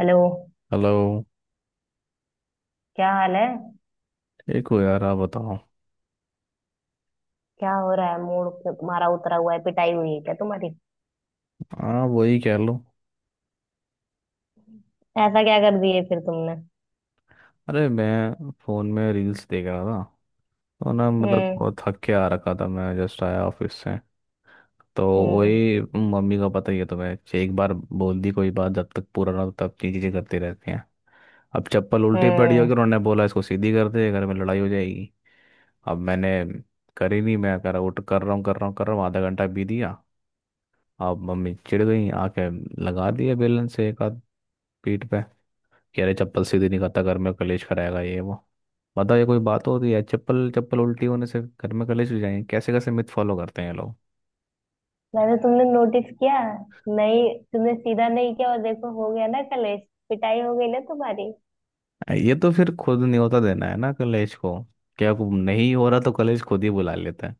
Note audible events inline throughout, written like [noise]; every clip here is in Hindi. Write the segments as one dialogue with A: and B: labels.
A: हेलो।
B: हेलो।
A: क्या हाल है?
B: एक हो यार, आप बताओ।
A: क्या हो रहा है? मूड तुम्हारा उतरा हुआ है। पिटाई हुई है क्या तुम्हारी?
B: हाँ, वही कह लो।
A: ऐसा क्या कर दिए फिर तुमने?
B: अरे, मैं फ़ोन में रील्स देख रहा था। तो ना मतलब
A: हम्म।
B: बहुत थक के आ रखा था, मैं जस्ट आया ऑफिस से। तो
A: हम्म।
B: वही। मम्मी का पता ही है तुम्हें, एक बार बोल दी कोई बात जब तक पूरा ना हो, तब की चीज़ें करती रहती हैं। अब चप्पल उल्टी पड़ी
A: हम्म।
B: होगी, उन्होंने बोला इसको सीधी कर दे, घर में लड़ाई हो जाएगी। अब मैंने करी नहीं, मैं कर उठ कर रहा हूँ, कर रहा हूँ, कर रहा हूँ, आधा घंटा बीत गया। अब मम्मी चिढ़ गई आके, लगा दिए बेलन से एक आध पीठ पे कि अरे चप्पल सीधी नहीं खाता, घर में कलेश कराएगा ये वो। बताओ, ये कोई बात होती है? चप्पल चप्पल उल्टी होने से घर में कलेश हो जाएंगे? कैसे कैसे मिथ फॉलो करते हैं ये लोग।
A: वैसे तुमने नोटिस किया नहीं, तुमने सीधा नहीं किया और देखो हो गया ना कलेश। पिटाई हो गई ना तुम्हारी।
B: ये तो फिर खुद नहीं होता देना है ना कलेश को। क्या को नहीं हो रहा तो कलेश खुद ही बुला लेता है।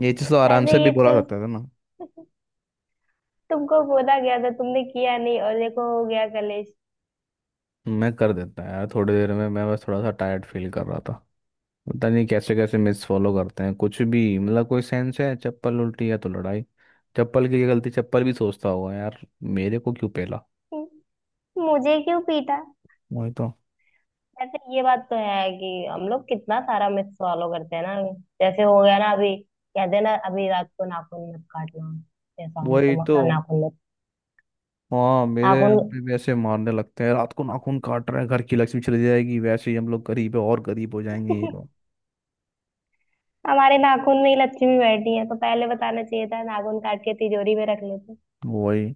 B: ये चीज़ तो आराम
A: अरे
B: से भी
A: ये
B: बुला
A: तो
B: सकते थे ना।
A: तुमको बोला गया था, तुमने किया नहीं और देखो हो गया कलेश।
B: मैं कर देता है यार थोड़ी देर में, मैं बस थोड़ा सा टायर्ड फील कर रहा था। पता नहीं कैसे कैसे मिस फॉलो करते हैं, कुछ भी मतलब कोई सेंस है? चप्पल उल्टी है तो लड़ाई, चप्पल की ये गलती? चप्पल भी सोचता होगा यार, मेरे को क्यों पेला।
A: हम्म, मुझे क्यों पीटा?
B: वही तो।
A: वैसे ये बात तो है कि हम लोग कितना सारा मिस फॉलो करते हैं ना। जैसे हो गया ना अभी, कहते हैं ना अभी रात को नाखून मत काटना। जैसा
B: वही
A: हमको
B: तो
A: नाखून मत,
B: हाँ मेरे यहाँ
A: नाखून
B: पे भी ऐसे मारने लगते हैं, रात को नाखून काट रहे हैं घर की लक्ष्मी चली जाएगी, वैसे ही हम लोग गरीब है और गरीब हो जाएंगे ये वो।
A: [laughs] हमारे नाखून में ही लक्ष्मी बैठी है तो पहले बताना चाहिए था, नाखून काट के तिजोरी में रख लेते।
B: वही।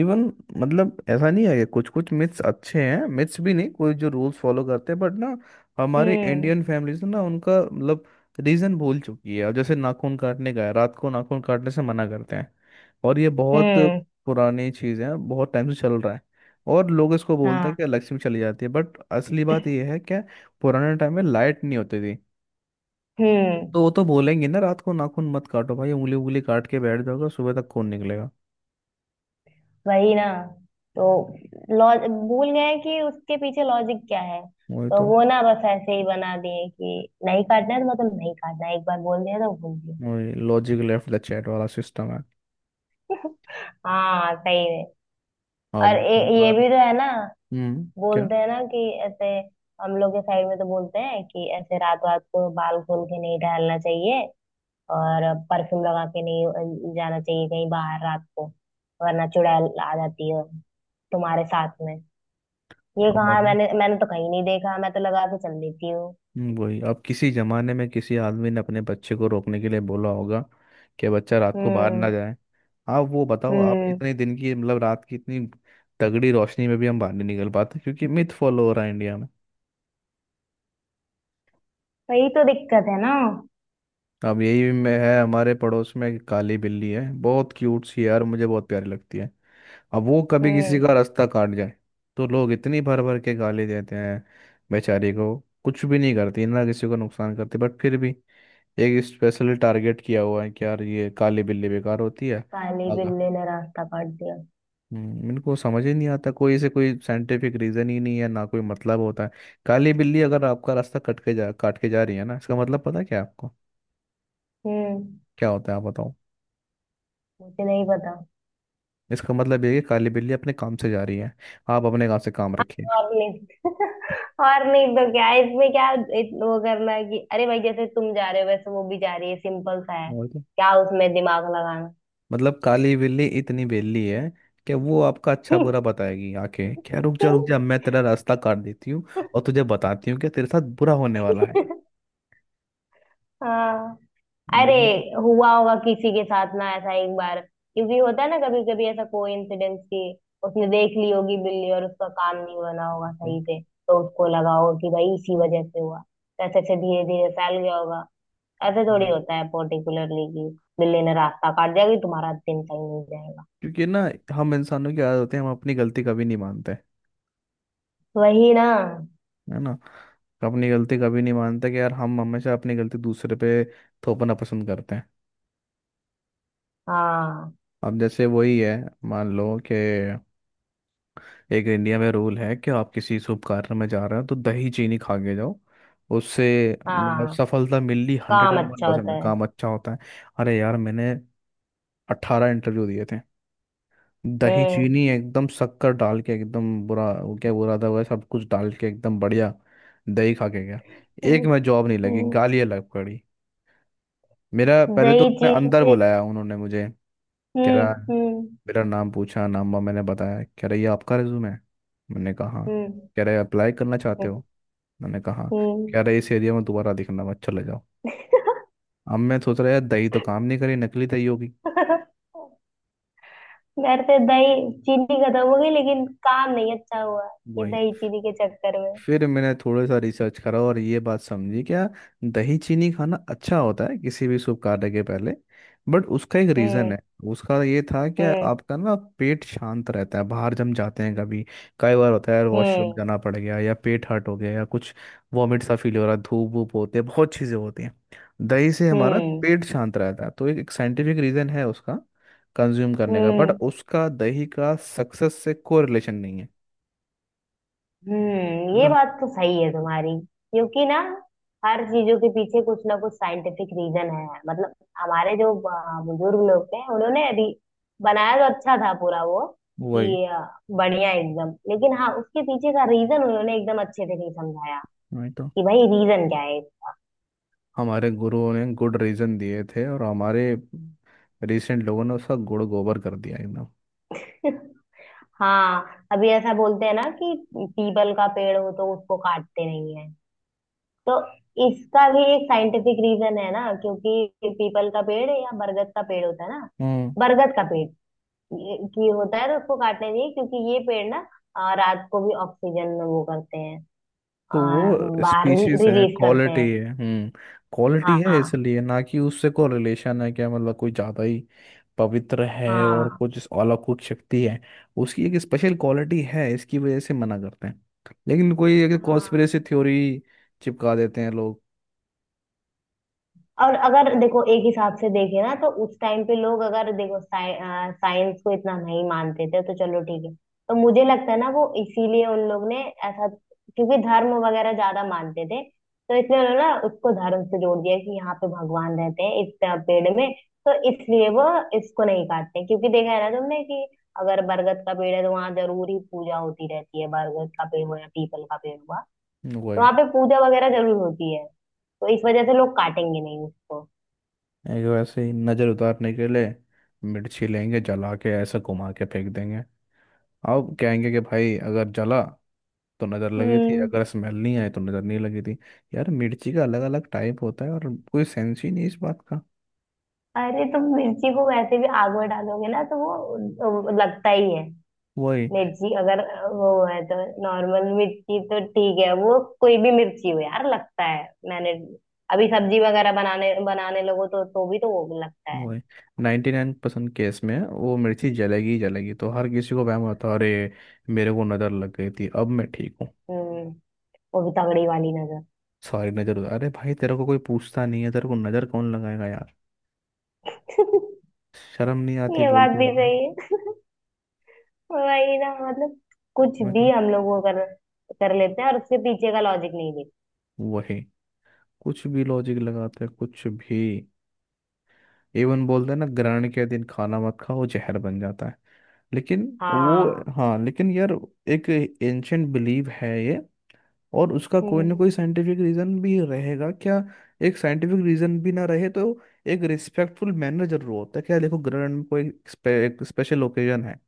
B: इवन मतलब ऐसा नहीं है, कुछ कुछ मिथ्स अच्छे हैं, मिथ्स भी नहीं कोई जो रूल्स फॉलो करते हैं, बट ना हमारे
A: हम्म।
B: इंडियन फैमिलीज ना उनका मतलब रीजन भूल चुकी है। और जैसे नाखून काटने का है, रात को नाखून काटने से मना करते हैं, और ये बहुत
A: हम्म।
B: पुरानी चीज़ है, बहुत टाइम से चल रहा है। और लोग इसको बोलते हैं कि
A: हाँ।
B: लक्ष्मी चली जाती है, बट असली बात ये है क्या, पुराने टाइम में लाइट नहीं होती थी।
A: हम्म।
B: तो वो तो बोलेंगे ना, रात को नाखून मत काटो भाई, उंगली उंगली काट के बैठ जाओगे, सुबह तक खून निकलेगा।
A: वही ना। तो लॉज भूल गए कि उसके पीछे लॉजिक क्या है।
B: वही
A: तो
B: तो।
A: वो ना बस ऐसे ही बना दिए कि नहीं काटना है तो मतलब नहीं काटना है। एक बार बोल दिया तो बोल दिया।
B: वही लॉजिक लेफ्ट द चैट वाला सिस्टम है।
A: हाँ सही में।
B: आप
A: और
B: जितनी
A: ये
B: बार।
A: भी तो है ना।
B: हम्म, क्या?
A: बोलते हैं ना कि ऐसे, हम लोग के साइड में तो बोलते हैं कि ऐसे रात रात को बाल खोल के नहीं टहलना चाहिए। और परफ्यूम लगा के नहीं जाना चाहिए कहीं बाहर रात को, वरना चुड़ैल आ जाती है तुम्हारे साथ में। ये
B: आप
A: कहाँ?
B: बताओ।
A: मैंने मैंने तो कहीं नहीं देखा। मैं तो लगा के चल देती हूँ।
B: वही, अब किसी जमाने में किसी आदमी ने अपने बच्चे को रोकने के लिए बोला होगा कि बच्चा रात को बाहर ना
A: हम्म।
B: जाए। आप वो बताओ, आप
A: हम्म।
B: इतने दिन की मतलब रात की इतनी तगड़ी रोशनी में भी हम बाहर नहीं निकल पाते क्योंकि मिथ फॉलो हो रहा है इंडिया में।
A: वही तो दिक्कत है ना।
B: अब यही में है हमारे पड़ोस में एक काली बिल्ली है, बहुत क्यूट सी है यार, मुझे बहुत प्यारी लगती है। अब वो कभी किसी
A: हम्म।
B: का रास्ता काट जाए तो लोग इतनी भर भर के गाली देते हैं बेचारी को। कुछ भी नहीं करती ना, किसी को नुकसान करती, बट फिर भी एक स्पेशली टारगेट किया हुआ है कि यार ये काली बिल्ली बेकार होती है।
A: काली
B: आगा।
A: बिल्ली ने रास्ता काट दिया।
B: इनको समझ ही नहीं आता, कोई इसे कोई साइंटिफिक रीजन ही नहीं है ना, कोई मतलब होता है। काली बिल्ली अगर आपका रास्ता कट के जा काट के जा रही है ना, इसका मतलब पता है क्या आपको,
A: हम्म।
B: क्या होता है? आप बताओ।
A: मुझे नहीं पता।
B: इसका मतलब ये है कि काली बिल्ली अपने काम से जा रही है, आप अपने काम से काम रखिए।
A: और नहीं [laughs] और नहीं तो क्या है, इसमें क्या? वो करना है कि अरे भाई जैसे तुम जा रहे हो वैसे वो भी जा रही है, सिंपल सा है।
B: और क्या?
A: क्या उसमें दिमाग लगाना?
B: मतलब काली बिल्ली इतनी बेली है कि वो आपका अच्छा बुरा बताएगी आके, क्या रुक जा मैं तेरा रास्ता काट देती हूँ और तुझे बताती हूँ कि तेरे साथ बुरा होने वाला है।
A: [laughs] हाँ। अरे
B: बिल्ली को।
A: हुआ होगा किसी के साथ ना ऐसा एक बार, क्योंकि होता है ना कभी कभी ऐसा कोई इंसिडेंस की उसने देख ली होगी बिल्ली और उसका काम नहीं बना होगा सही
B: पता-।
A: से, तो उसको लगा होगा कि भाई इसी वजह से हुआ, तो ऐसे ऐसे धीरे धीरे फैल गया होगा। ऐसे थोड़ी
B: हम्म।
A: होता है पर्टिकुलरली कि बिल्ली ने रास्ता काट जाएगी तुम्हारा दिन सही नहीं जाएगा।
B: क्योंकि ना हम इंसानों की आदत होती है, हम अपनी गलती कभी नहीं मानते,
A: वही ना।
B: है ना। अपनी गलती कभी नहीं मानते कि यार, हम हमेशा अपनी गलती दूसरे पे थोपना पसंद करते हैं।
A: हाँ।
B: अब जैसे वही है, मान लो कि एक इंडिया में रूल है कि आप किसी शुभ कार्य में जा रहे हो तो दही चीनी खा के जाओ, उससे मतलब
A: हाँ।
B: सफलता मिलनी, हंड्रेड
A: काम
B: एंड वन
A: अच्छा होता
B: परसेंट
A: है।
B: काम अच्छा होता है। अरे यार, मैंने 18 इंटरव्यू दिए थे। दही
A: हम्म।
B: चीनी एकदम शक्कर डाल के, एकदम बुरा वो क्या बुरा था, वह सब कुछ डाल के एकदम बढ़िया दही खा के गया। एक
A: हम्म।
B: में जॉब नहीं लगी,
A: हम्म।
B: गालियाँ लग पड़ी। मेरा पहले तो
A: दही
B: उन्होंने
A: चीनी
B: अंदर
A: से।
B: बुलाया, उन्होंने मुझे कह रहा,
A: हम्म। हम्म।
B: मेरा नाम पूछा, नाम वाम मैंने बताया। कह रहा ये आपका रिज्यूमे है? मैंने कहा हाँ।
A: हम्म।
B: कह रहे अप्लाई करना चाहते
A: हम्म।
B: हो? मैंने कहा।
A: हम्म।
B: कह रहा है इस एरिया में दोबारा दिखना मत, चले जाओ। अब मैं सोच रहा यार, दही तो काम
A: [laughs]
B: नहीं करी, नकली दही होगी।
A: मेरे से दही चीनी खत्म हो गई लेकिन काम नहीं अच्छा हुआ ये
B: वही।
A: दही चीनी के चक्कर में।
B: फिर मैंने थोड़ा सा रिसर्च करा और ये बात समझी क्या, दही चीनी खाना अच्छा होता है किसी भी शुभ कार्य के पहले, बट उसका एक रीज़न
A: हम्म।
B: है। उसका ये था कि
A: हम्म।
B: आपका ना पेट शांत रहता है, बाहर जम जाते हैं कभी। कई बार होता है यार, वॉशरूम
A: हम्म।
B: जाना पड़ गया, या पेट हर्ट हो गया, या कुछ वॉमिट सा फील हो रहा है, धूप वूप होते हैं, बहुत चीज़ें होती हैं। दही से हमारा
A: हम्म।
B: पेट शांत रहता है, तो एक साइंटिफिक रीज़न है उसका कंज्यूम करने का, बट
A: हम्म।
B: उसका दही का सक्सेस से कोई रिलेशन नहीं है। है
A: ये
B: ना।
A: बात तो सही है तुम्हारी। क्योंकि ना हर चीजों के पीछे कुछ ना कुछ साइंटिफिक रीजन है, मतलब हमारे जो बुजुर्ग लोग थे उन्होंने अभी बनाया तो अच्छा था पूरा वो,
B: वही।
A: कि बढ़िया एकदम, लेकिन हाँ उसके पीछे का रीजन उन्होंने एकदम अच्छे से नहीं समझाया
B: वही तो
A: कि भाई रीजन क्या है।
B: हमारे गुरुओं ने गुड रीजन दिए थे और हमारे रिसेंट लोगों ने उसका गुड़ गोबर कर दिया एकदम।
A: [laughs] हाँ अभी ऐसा बोलते हैं ना कि पीपल का पेड़ हो तो उसको काटते नहीं है, तो इसका भी एक साइंटिफिक रीजन है ना, क्योंकि पीपल का पेड़ या बरगद का पेड़ होता है ना।
B: हम्म,
A: बरगद का पेड़ की होता है तो उसको काटना चाहिए, क्योंकि ये पेड़ ना रात को भी ऑक्सीजन वो करते हैं,
B: तो
A: अ,
B: वो
A: बाहर
B: स्पीशीज है,
A: रिलीज करते
B: क्वालिटी
A: हैं।
B: है। हम्म, क्वालिटी है
A: हाँ।
B: इसलिए ना कि उससे कोई रिलेशन है क्या, मतलब कोई ज़्यादा ही पवित्र है और
A: हाँ।
B: कुछ इस अलौकिक शक्ति है। उसकी एक स्पेशल क्वालिटी है, इसकी वजह से मना करते हैं, लेकिन कोई एक
A: हाँ।
B: कॉन्स्पिरेसी थ्योरी चिपका देते हैं लोग।
A: और अगर देखो एक हिसाब से देखे ना तो उस टाइम पे लोग अगर देखो साइंस को इतना नहीं मानते थे, तो चलो ठीक है। तो मुझे लगता है ना वो इसीलिए उन लोग ने ऐसा, क्योंकि धर्म वगैरह ज्यादा मानते थे, तो इसलिए उन्होंने ना उसको धर्म से जोड़ दिया कि यहाँ पे भगवान रहते हैं इस तरह पेड़ में। तो इसलिए वो इसको नहीं काटते, क्योंकि देखा है ना तुमने कि अगर बरगद का पेड़ है तो वहां जरूर ही पूजा होती रहती है, बरगद का पेड़ हुआ या पीपल का पेड़ हुआ तो
B: वही।
A: वहां पे पूजा वगैरह जरूर होती है। तो इस वजह से लोग काटेंगे नहीं उसको।
B: एक वैसे ही नज़र उतारने के लिए मिर्ची लेंगे, जला के ऐसा घुमा के फेंक देंगे। अब कहेंगे कि भाई अगर जला तो नज़र लगी थी,
A: हम्म।
B: अगर स्मेल नहीं आई तो नज़र नहीं लगी थी। यार मिर्ची का अलग अलग टाइप होता है और कोई सेंस ही नहीं इस बात का।
A: अरे तुम मिर्ची को वैसे भी आग में डालोगे ना तो वो लगता ही है।
B: वही।
A: मिर्ची अगर वो है तो, नॉर्मल मिर्ची तो ठीक है, वो कोई भी मिर्ची हो यार लगता है। मैंने अभी सब्जी वगैरह बनाने बनाने लगो तो भी तो वो लगता है।
B: वही 99% केस में वो मिर्ची जलेगी ही जलेगी, तो हर किसी को वहम होता है, अरे मेरे को नज़र लग गई थी अब मैं ठीक हूँ।
A: हम्म। वो भी तगड़ी वाली नजर।
B: सारी नज़र उतार, अरे भाई तेरे को कोई पूछता नहीं है, तेरे को नज़र कौन लगाएगा यार,
A: [laughs]
B: शर्म नहीं आती
A: ये बात
B: बोलते
A: भी
B: हुए।
A: सही है। वही ना, मतलब कुछ
B: मैं
A: भी
B: कहा।
A: हम लोग वो कर, कर लेते हैं और उसके पीछे का लॉजिक नहीं देखते।
B: वही। कुछ भी लॉजिक लगाते हैं, कुछ भी। इवन बोलते हैं ना, ग्रहण के दिन खाना मत खाओ जहर बन जाता है, लेकिन वो,
A: हाँ।
B: हाँ लेकिन यार एक एंशंट बिलीव है ये, और उसका कोई ना
A: हम्म।
B: कोई साइंटिफिक रीजन भी रहेगा क्या। एक साइंटिफिक रीजन भी ना रहे तो एक रिस्पेक्टफुल मैनर जरूर होता है क्या, देखो ग्रहण में कोई एक स्पेशल ओकेजन है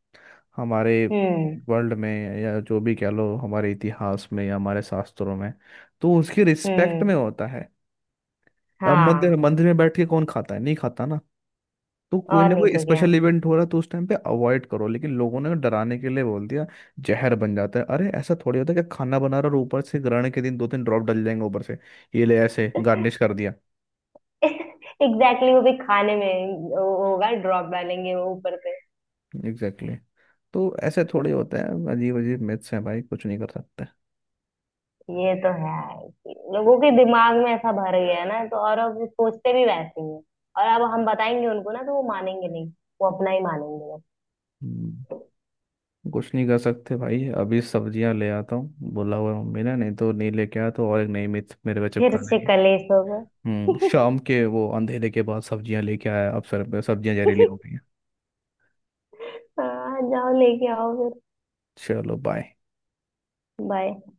B: हमारे
A: हम्म।
B: वर्ल्ड में, या जो भी कह लो हमारे इतिहास में या हमारे शास्त्रों में, तो उसकी रिस्पेक्ट
A: हम्म।
B: में होता है। अब मंदिर
A: हाँ।
B: मंदिर में बैठ के कौन खाता है, नहीं खाता ना। तो कोई
A: और
B: ना
A: नहीं
B: कोई
A: तो क्या?
B: स्पेशल इवेंट हो रहा है, तो उस टाइम पे अवॉइड करो, लेकिन लोगों ने डराने के लिए बोल दिया जहर बन जाता है। अरे ऐसा थोड़ी होता है कि खाना बना रहा और ऊपर से ग्रहण के दिन दो तीन ड्रॉप डल जाएंगे ऊपर से, ये ले ऐसे गार्निश कर दिया।
A: [laughs] एग्जैक्टली exactly, वो भी खाने में। वो होगा, ड्रॉप डालेंगे वो ऊपर से।
B: Exactly exactly। तो ऐसे थोड़े होते हैं, अजीब अजीब मिथ्स हैं भाई, कुछ नहीं कर सकते।
A: ये तो है कि लोगों के दिमाग में ऐसा भर गया है ना, तो और अब वो सोचते भी वैसे ही हैं। और अब हम बताएंगे उनको ना तो वो मानेंगे नहीं। वो अपना ही मानेंगे बस।
B: हम्म, कुछ नहीं कर सकते भाई।
A: हम्म।
B: अभी सब्जियां ले आता हूँ बोला हुआ है मम्मी ने, नहीं तो नहीं लेके आया तो और एक नई मिथ मेरे पे
A: फिर
B: चिपका।
A: से कलेश होगा।
B: हम्म,
A: [laughs]
B: शाम के वो अंधेरे के बाद सब्जियां लेके आया, अब सर सब्जियां जहरीली हो गई हैं।
A: हाँ जाओ लेके आओ फिर।
B: चलो बाय।
A: बाय।